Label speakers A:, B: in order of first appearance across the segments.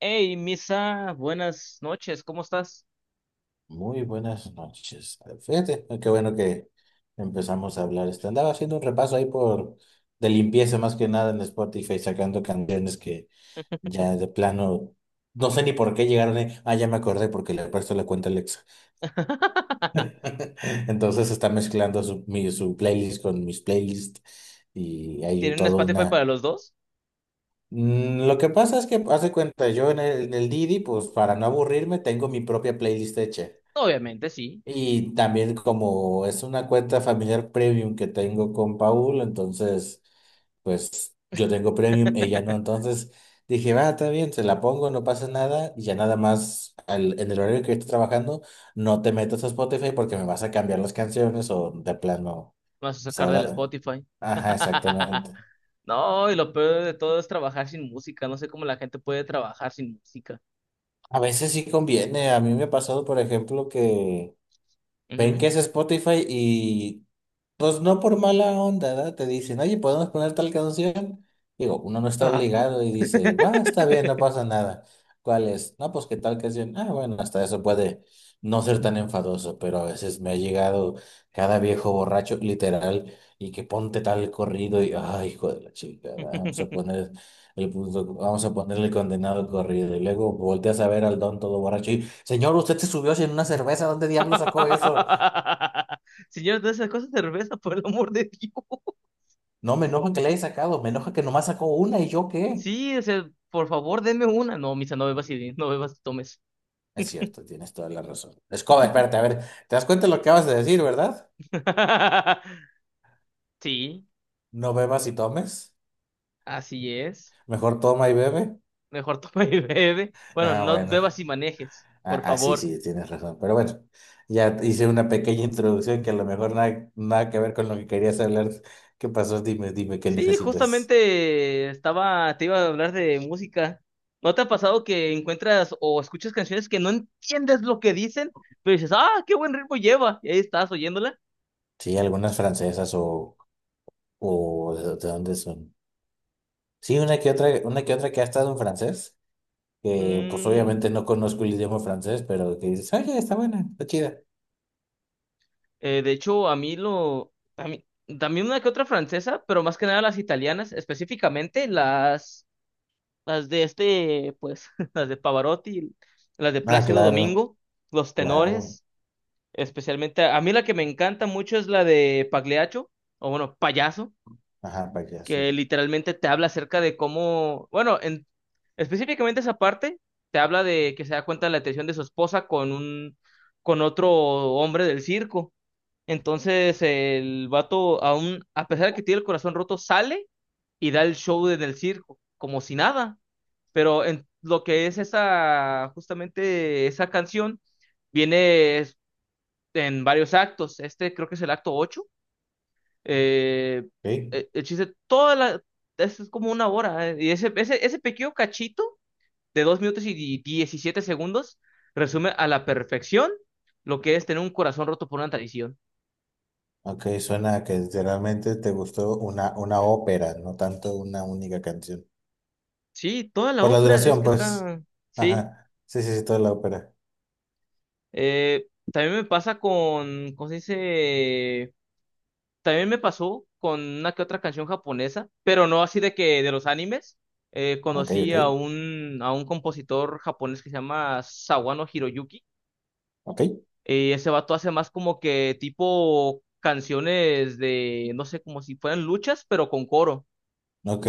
A: Hey, Misa, buenas noches, ¿cómo estás?
B: Muy buenas noches. Fíjate, qué bueno que empezamos a hablar. Andaba haciendo un repaso ahí por de limpieza más que nada en Spotify, sacando canciones que ya de plano no sé ni por qué llegaron ahí. Ah, ya me acordé porque le presto la cuenta a Alexa. Entonces está mezclando su playlist con mis playlists y hay
A: ¿Tienen un
B: todo
A: Spotify
B: una.
A: para los dos?
B: Lo que pasa es que, hace cuenta, yo en el Didi, pues para no aburrirme, tengo mi propia playlist hecha.
A: Obviamente, sí.
B: Y también como es una cuenta familiar premium que tengo con Paul, entonces, pues yo tengo premium, ella no.
A: Me
B: Entonces dije, va, está bien, se la pongo, no pasa nada. Y ya nada más en el horario que yo estoy trabajando, no te metas a Spotify porque me vas a cambiar las canciones o de plano.
A: vas a
B: pues,
A: sacar del
B: ahora-
A: Spotify.
B: Ajá, exactamente.
A: No, y lo peor de todo es trabajar sin música. No sé cómo la gente puede trabajar sin música.
B: A veces sí conviene. A mí me ha pasado, por ejemplo, que ven que
A: Ujú.
B: es Spotify y pues no por mala onda, ¿verdad? Te dicen, oye, ¿podemos poner tal canción? Digo, uno no está
A: Ah.
B: obligado y dice, va, está bien, no pasa nada. ¿Cuál es? No, pues qué tal canción. Ah, bueno, hasta eso puede no ser tan enfadoso, pero a veces me ha llegado cada viejo borracho, literal, y que ponte tal corrido y, ay, hijo de la chica, vamos a poner el punto, vamos a ponerle el condenado corrido. Y luego volteas a ver al don todo borracho y, señor, usted se subió sin una cerveza, ¿dónde diablo sacó eso?
A: Señor, de esas cosas cerveza, por el amor de Dios.
B: No, me enoja que le haya sacado, me enoja que nomás sacó una y yo qué.
A: Sí, o sea, por favor, denme una. No, Misa, no bebas y no bebas y tomes.
B: Es cierto, tienes toda la razón. Escoba, espérate, a ver, ¿te das cuenta de lo que acabas de decir, verdad?
A: Sí.
B: No bebas y tomes.
A: Así es.
B: Mejor toma y bebe.
A: Mejor toma y bebe. Bueno,
B: Ah,
A: no bebas
B: bueno.
A: y manejes,
B: Ah,
A: por
B: ah, sí,
A: favor.
B: sí, tienes razón. Pero bueno, ya hice una pequeña introducción que a lo mejor nada, nada que ver con lo que querías hablar. ¿Qué pasó? Dime, dime, ¿qué
A: Sí,
B: necesitas?
A: justamente te iba a hablar de música. ¿No te ha pasado que encuentras o escuchas canciones que no entiendes lo que dicen, pero dices, ah, qué buen ritmo lleva? Y ahí estás oyéndola.
B: Sí, algunas francesas o de dónde son. Sí, una que otra que ha estado en francés, que pues
A: Mm,
B: obviamente no conozco el idioma francés, pero que dices, oye, está buena, está chida.
A: de hecho, a mí, también una que otra francesa, pero más que nada las italianas, específicamente las... Las de este, pues, las de Pavarotti, las de
B: Ah,
A: Plácido
B: claro,
A: Domingo, los
B: claro.
A: tenores, especialmente. A mí la que me encanta mucho es la de Pagliaccio, o bueno, Payaso,
B: Ajá, payaso.
A: que literalmente te habla acerca de cómo, bueno, específicamente esa parte, te habla de que se da cuenta de la atención de su esposa con con otro hombre del circo. Entonces el vato, aún, a pesar de que tiene el corazón roto, sale y da el show en el circo, como si nada, pero en lo que es esa, justamente esa canción, viene en varios actos. Este creo que es el acto 8. Eh,
B: Ok,
A: el chiste, es como una hora. Y ese pequeño cachito de 2 minutos y 17 segundos resume a la perfección lo que es tener un corazón roto por una tradición.
B: ok, suena que literalmente te gustó una ópera, no tanto una única canción.
A: Sí, toda la
B: Por la
A: obra es
B: duración,
A: que
B: pues.
A: está. Sí.
B: Ajá, sí, sí, sí, toda la ópera.
A: También me pasa con, ¿cómo se dice? También me pasó con una que otra canción japonesa, pero no así de que de los animes.
B: Ok,
A: Conocí
B: ok,
A: a un compositor japonés que se llama Sawano Hiroyuki.
B: ok,
A: Ese vato hace más como que tipo canciones de, no sé, como si fueran luchas, pero con coro.
B: ok.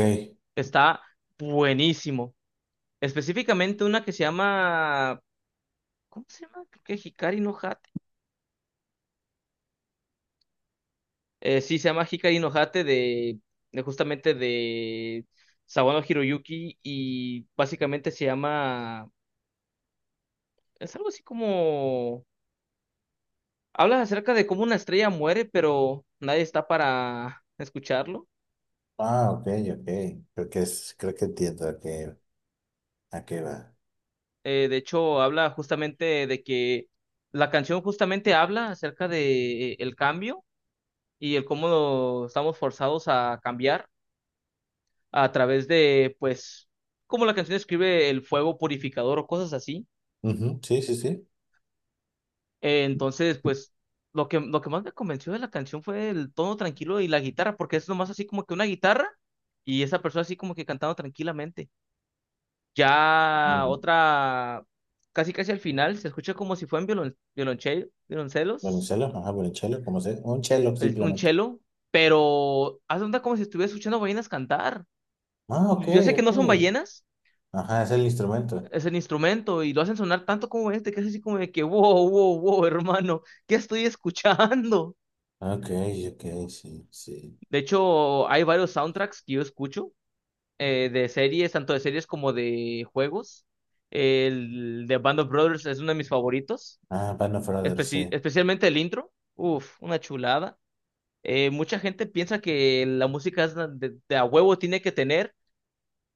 A: Está buenísimo. Específicamente una que se llama, ¿cómo se llama? Creo que Hikari no... sí, se llama Hikari no Hate de justamente de Sawano Hiroyuki, y básicamente se llama, es algo así como, habla acerca de cómo una estrella muere, pero nadie está para escucharlo.
B: Ah, ok, ok. Creo que entiendo a qué va.
A: De hecho, habla justamente de que la canción justamente habla acerca de el cambio, y el cómo estamos forzados a cambiar a través de, pues, como la canción describe el fuego purificador o cosas así.
B: Ujú, sí, sí, sí.
A: Entonces, pues, lo que más me convenció de la canción fue el tono tranquilo y la guitarra, porque es nomás así como que una guitarra y esa persona así como que cantando tranquilamente. Ya
B: Mm.
A: otra, casi casi al final, se escucha como si fueran violoncelos,
B: Violonchelo, ajá, violonchelo, como sea. Un chelo,
A: un
B: simplemente.
A: cello, pero haz de cuenta como si estuviera escuchando ballenas cantar.
B: Ah, ok,
A: Yo sé que
B: ok.
A: no son ballenas,
B: Ajá, es el instrumento.
A: es el instrumento y lo hacen sonar tanto como este, que es así como de que, wow, wow, wow, hermano, ¿qué estoy escuchando?
B: Ok, ok, sí, sí.
A: De hecho, hay varios soundtracks que yo escucho, de series, tanto de series como de juegos. El de Band of Brothers es uno de mis favoritos,
B: Ah, Band of Brothers, sí.
A: especialmente el intro. Uf, una chulada. Mucha gente piensa que la música es la de a huevo tiene que tener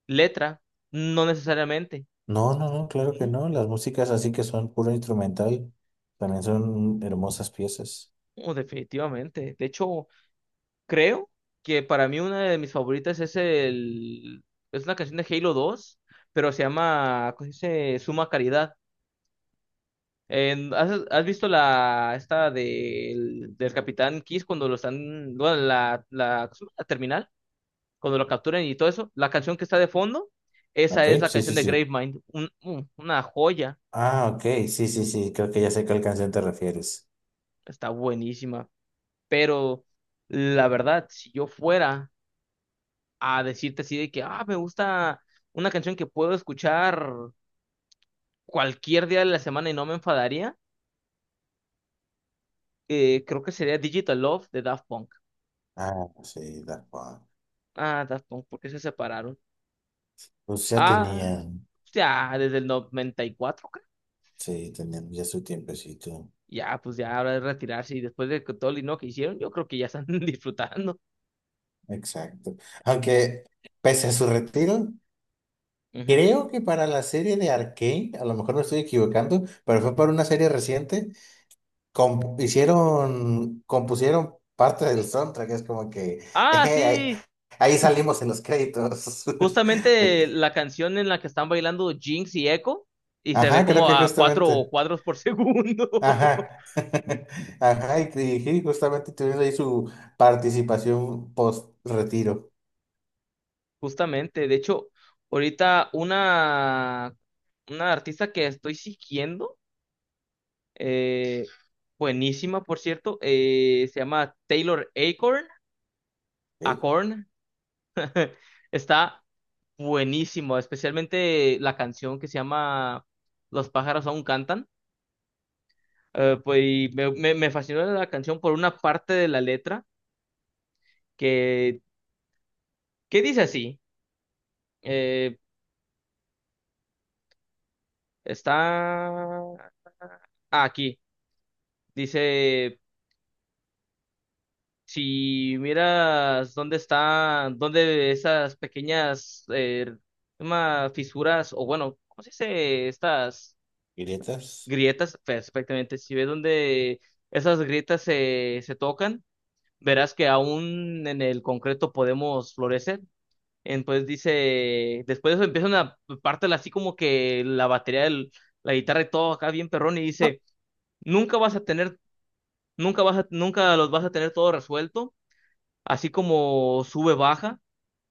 A: letra, no necesariamente.
B: No, no, no, claro que no. Las músicas así que son puro instrumental también son hermosas piezas.
A: No, definitivamente. De hecho, creo que para mí una de mis favoritas es una canción de Halo 2, pero se llama, ¿cómo se dice? Suma Caridad. ¿Has visto la esta del Capitán Kiss cuando lo están, bueno, la terminal, cuando lo capturan y todo eso? La canción que está de fondo, esa
B: Ok,
A: es la
B: sí,
A: canción
B: sí,
A: de
B: sí.
A: Gravemind, una joya,
B: Ah, ok, sí, sí, sí. Creo que ya sé a qué canción te refieres.
A: está buenísima, pero la verdad, si yo fuera a decirte así de que, ah, me gusta una canción que puedo escuchar cualquier día de la semana y no me enfadaría, creo que sería Digital Love de Daft Punk.
B: Ah, sí, Daft Punk.
A: Ah, Daft Punk, ¿por qué se separaron?
B: Pues ya
A: Ah,
B: tenían,
A: ya desde el 94, creo.
B: sí, tenían ya su tiempecito.
A: Ya, pues ya ahora de retirarse y después de que todo el dinero que hicieron, yo creo que ya están disfrutando.
B: Exacto. Aunque, pese a su retiro,
A: Ujú.
B: creo que para la serie de Arcane, a lo mejor me estoy equivocando, pero fue para una serie reciente, compusieron parte del soundtrack, es como que
A: Ah,
B: ahí,
A: sí,
B: ahí salimos en los créditos. De
A: justamente
B: que-
A: la canción en la que están bailando Jinx y Echo y se ve
B: Ajá, creo
A: como
B: que
A: a cuatro
B: justamente.
A: cuadros por segundo.
B: Ajá. Ajá, y sí, justamente tuvieron ahí su participación post-retiro.
A: Justamente, de hecho, ahorita una artista que estoy siguiendo, eh, buenísima por cierto, se llama Taylor Acorn,
B: Ok,
A: Acorn, está buenísimo, especialmente la canción que se llama Los pájaros aún cantan. Pues y me fascinó la canción por una parte de la letra que, que dice así. Eh, Está aquí. Dice, si miras dónde esas pequeñas llama fisuras, o bueno, ¿cómo se dice? Estas
B: y letras.
A: grietas, perfectamente. Si ves dónde esas grietas se tocan, verás que aún en el concreto podemos florecer. Entonces dice, después de eso empieza una parte así como que la batería la guitarra y todo acá bien perrón, y dice, nunca vas a tener, nunca los vas a tener todo resuelto, así como sube, baja.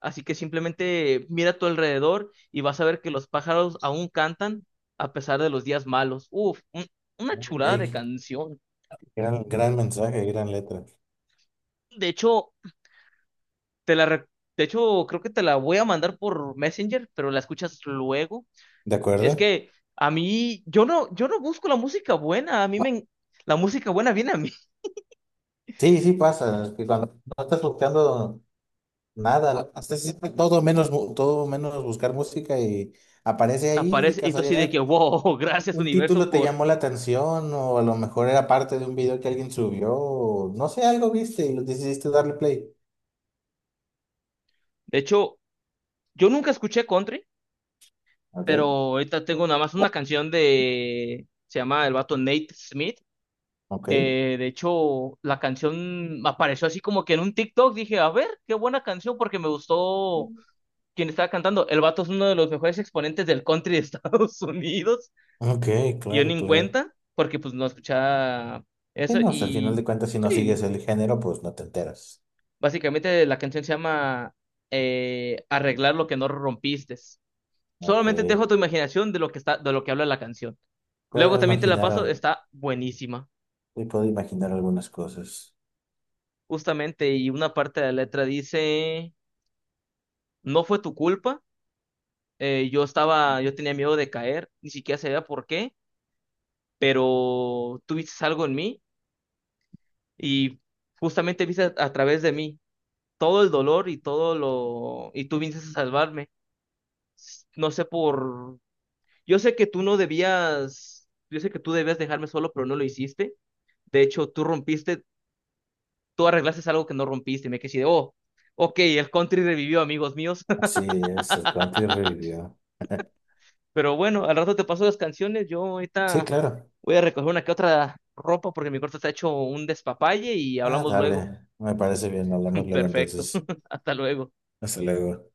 A: Así que simplemente mira a tu alrededor y vas a ver que los pájaros aún cantan a pesar de los días malos. Uf, una
B: Ok,
A: chulada de canción.
B: gran, gran mensaje, gran letra.
A: De hecho, Te la re- De hecho, creo que te la voy a mandar por Messenger, pero la escuchas luego.
B: ¿De
A: Es
B: acuerdo?
A: que a mí, yo no busco la música buena, a mí me... en- la música buena viene a mí.
B: Sí, sí pasa, que cuando no estás buscando nada, hasta siempre todo menos, todo menos buscar música y aparece ahí de
A: Aparece y tú así de que,
B: casualidad,
A: wow, gracias
B: un
A: universo
B: título te
A: por...
B: llamó la atención o a lo mejor era parte de un video que alguien subió, o no sé, algo viste y lo decidiste darle play.
A: De hecho, yo nunca escuché country, pero
B: Ok,
A: ahorita tengo nada más una canción de... Se llama el vato Nate Smith.
B: ok,
A: De hecho, la canción apareció así como que en un TikTok. Dije, a ver, qué buena canción porque me gustó quien estaba cantando, el vato es uno de los mejores exponentes del country de Estados Unidos.
B: ok,
A: Y yo ni
B: claro,
A: en
B: claro.
A: cuenta, porque pues no escuchaba
B: Sí,
A: eso.
B: no, o sea, al final
A: Y
B: de cuentas si no sigues
A: sí,
B: el género, pues no te enteras.
A: básicamente la canción se llama Arreglar lo que no rompiste.
B: Ok,
A: Solamente te dejo tu imaginación de lo que está, de lo que habla la canción. Luego
B: puedo
A: también te la
B: imaginar,
A: paso, está buenísima.
B: sí, puedo imaginar algunas cosas.
A: Justamente, y una parte de la letra dice, no fue tu culpa. Yo estaba, yo tenía miedo de caer, ni siquiera sabía por qué, pero tuviste algo en mí, y justamente viste a través de mí todo el dolor y todo lo... y tú viniste a salvarme. No sé por... Yo sé que tú no debías, yo sé que tú debías dejarme solo, pero no lo hiciste. De hecho, tú rompiste, tú arreglaste algo que no rompiste. Y me quedé así de, oh, ok, el country revivió, amigos míos.
B: Así es, el country revivió.
A: Pero bueno, al rato te paso las canciones. Yo
B: Sí,
A: ahorita
B: claro.
A: voy a recoger una que otra ropa porque mi cuarto está hecho un despapalle y
B: Ah,
A: hablamos luego.
B: dale, me parece bien, hablamos luego
A: Perfecto.
B: entonces.
A: Hasta luego.
B: Hasta luego.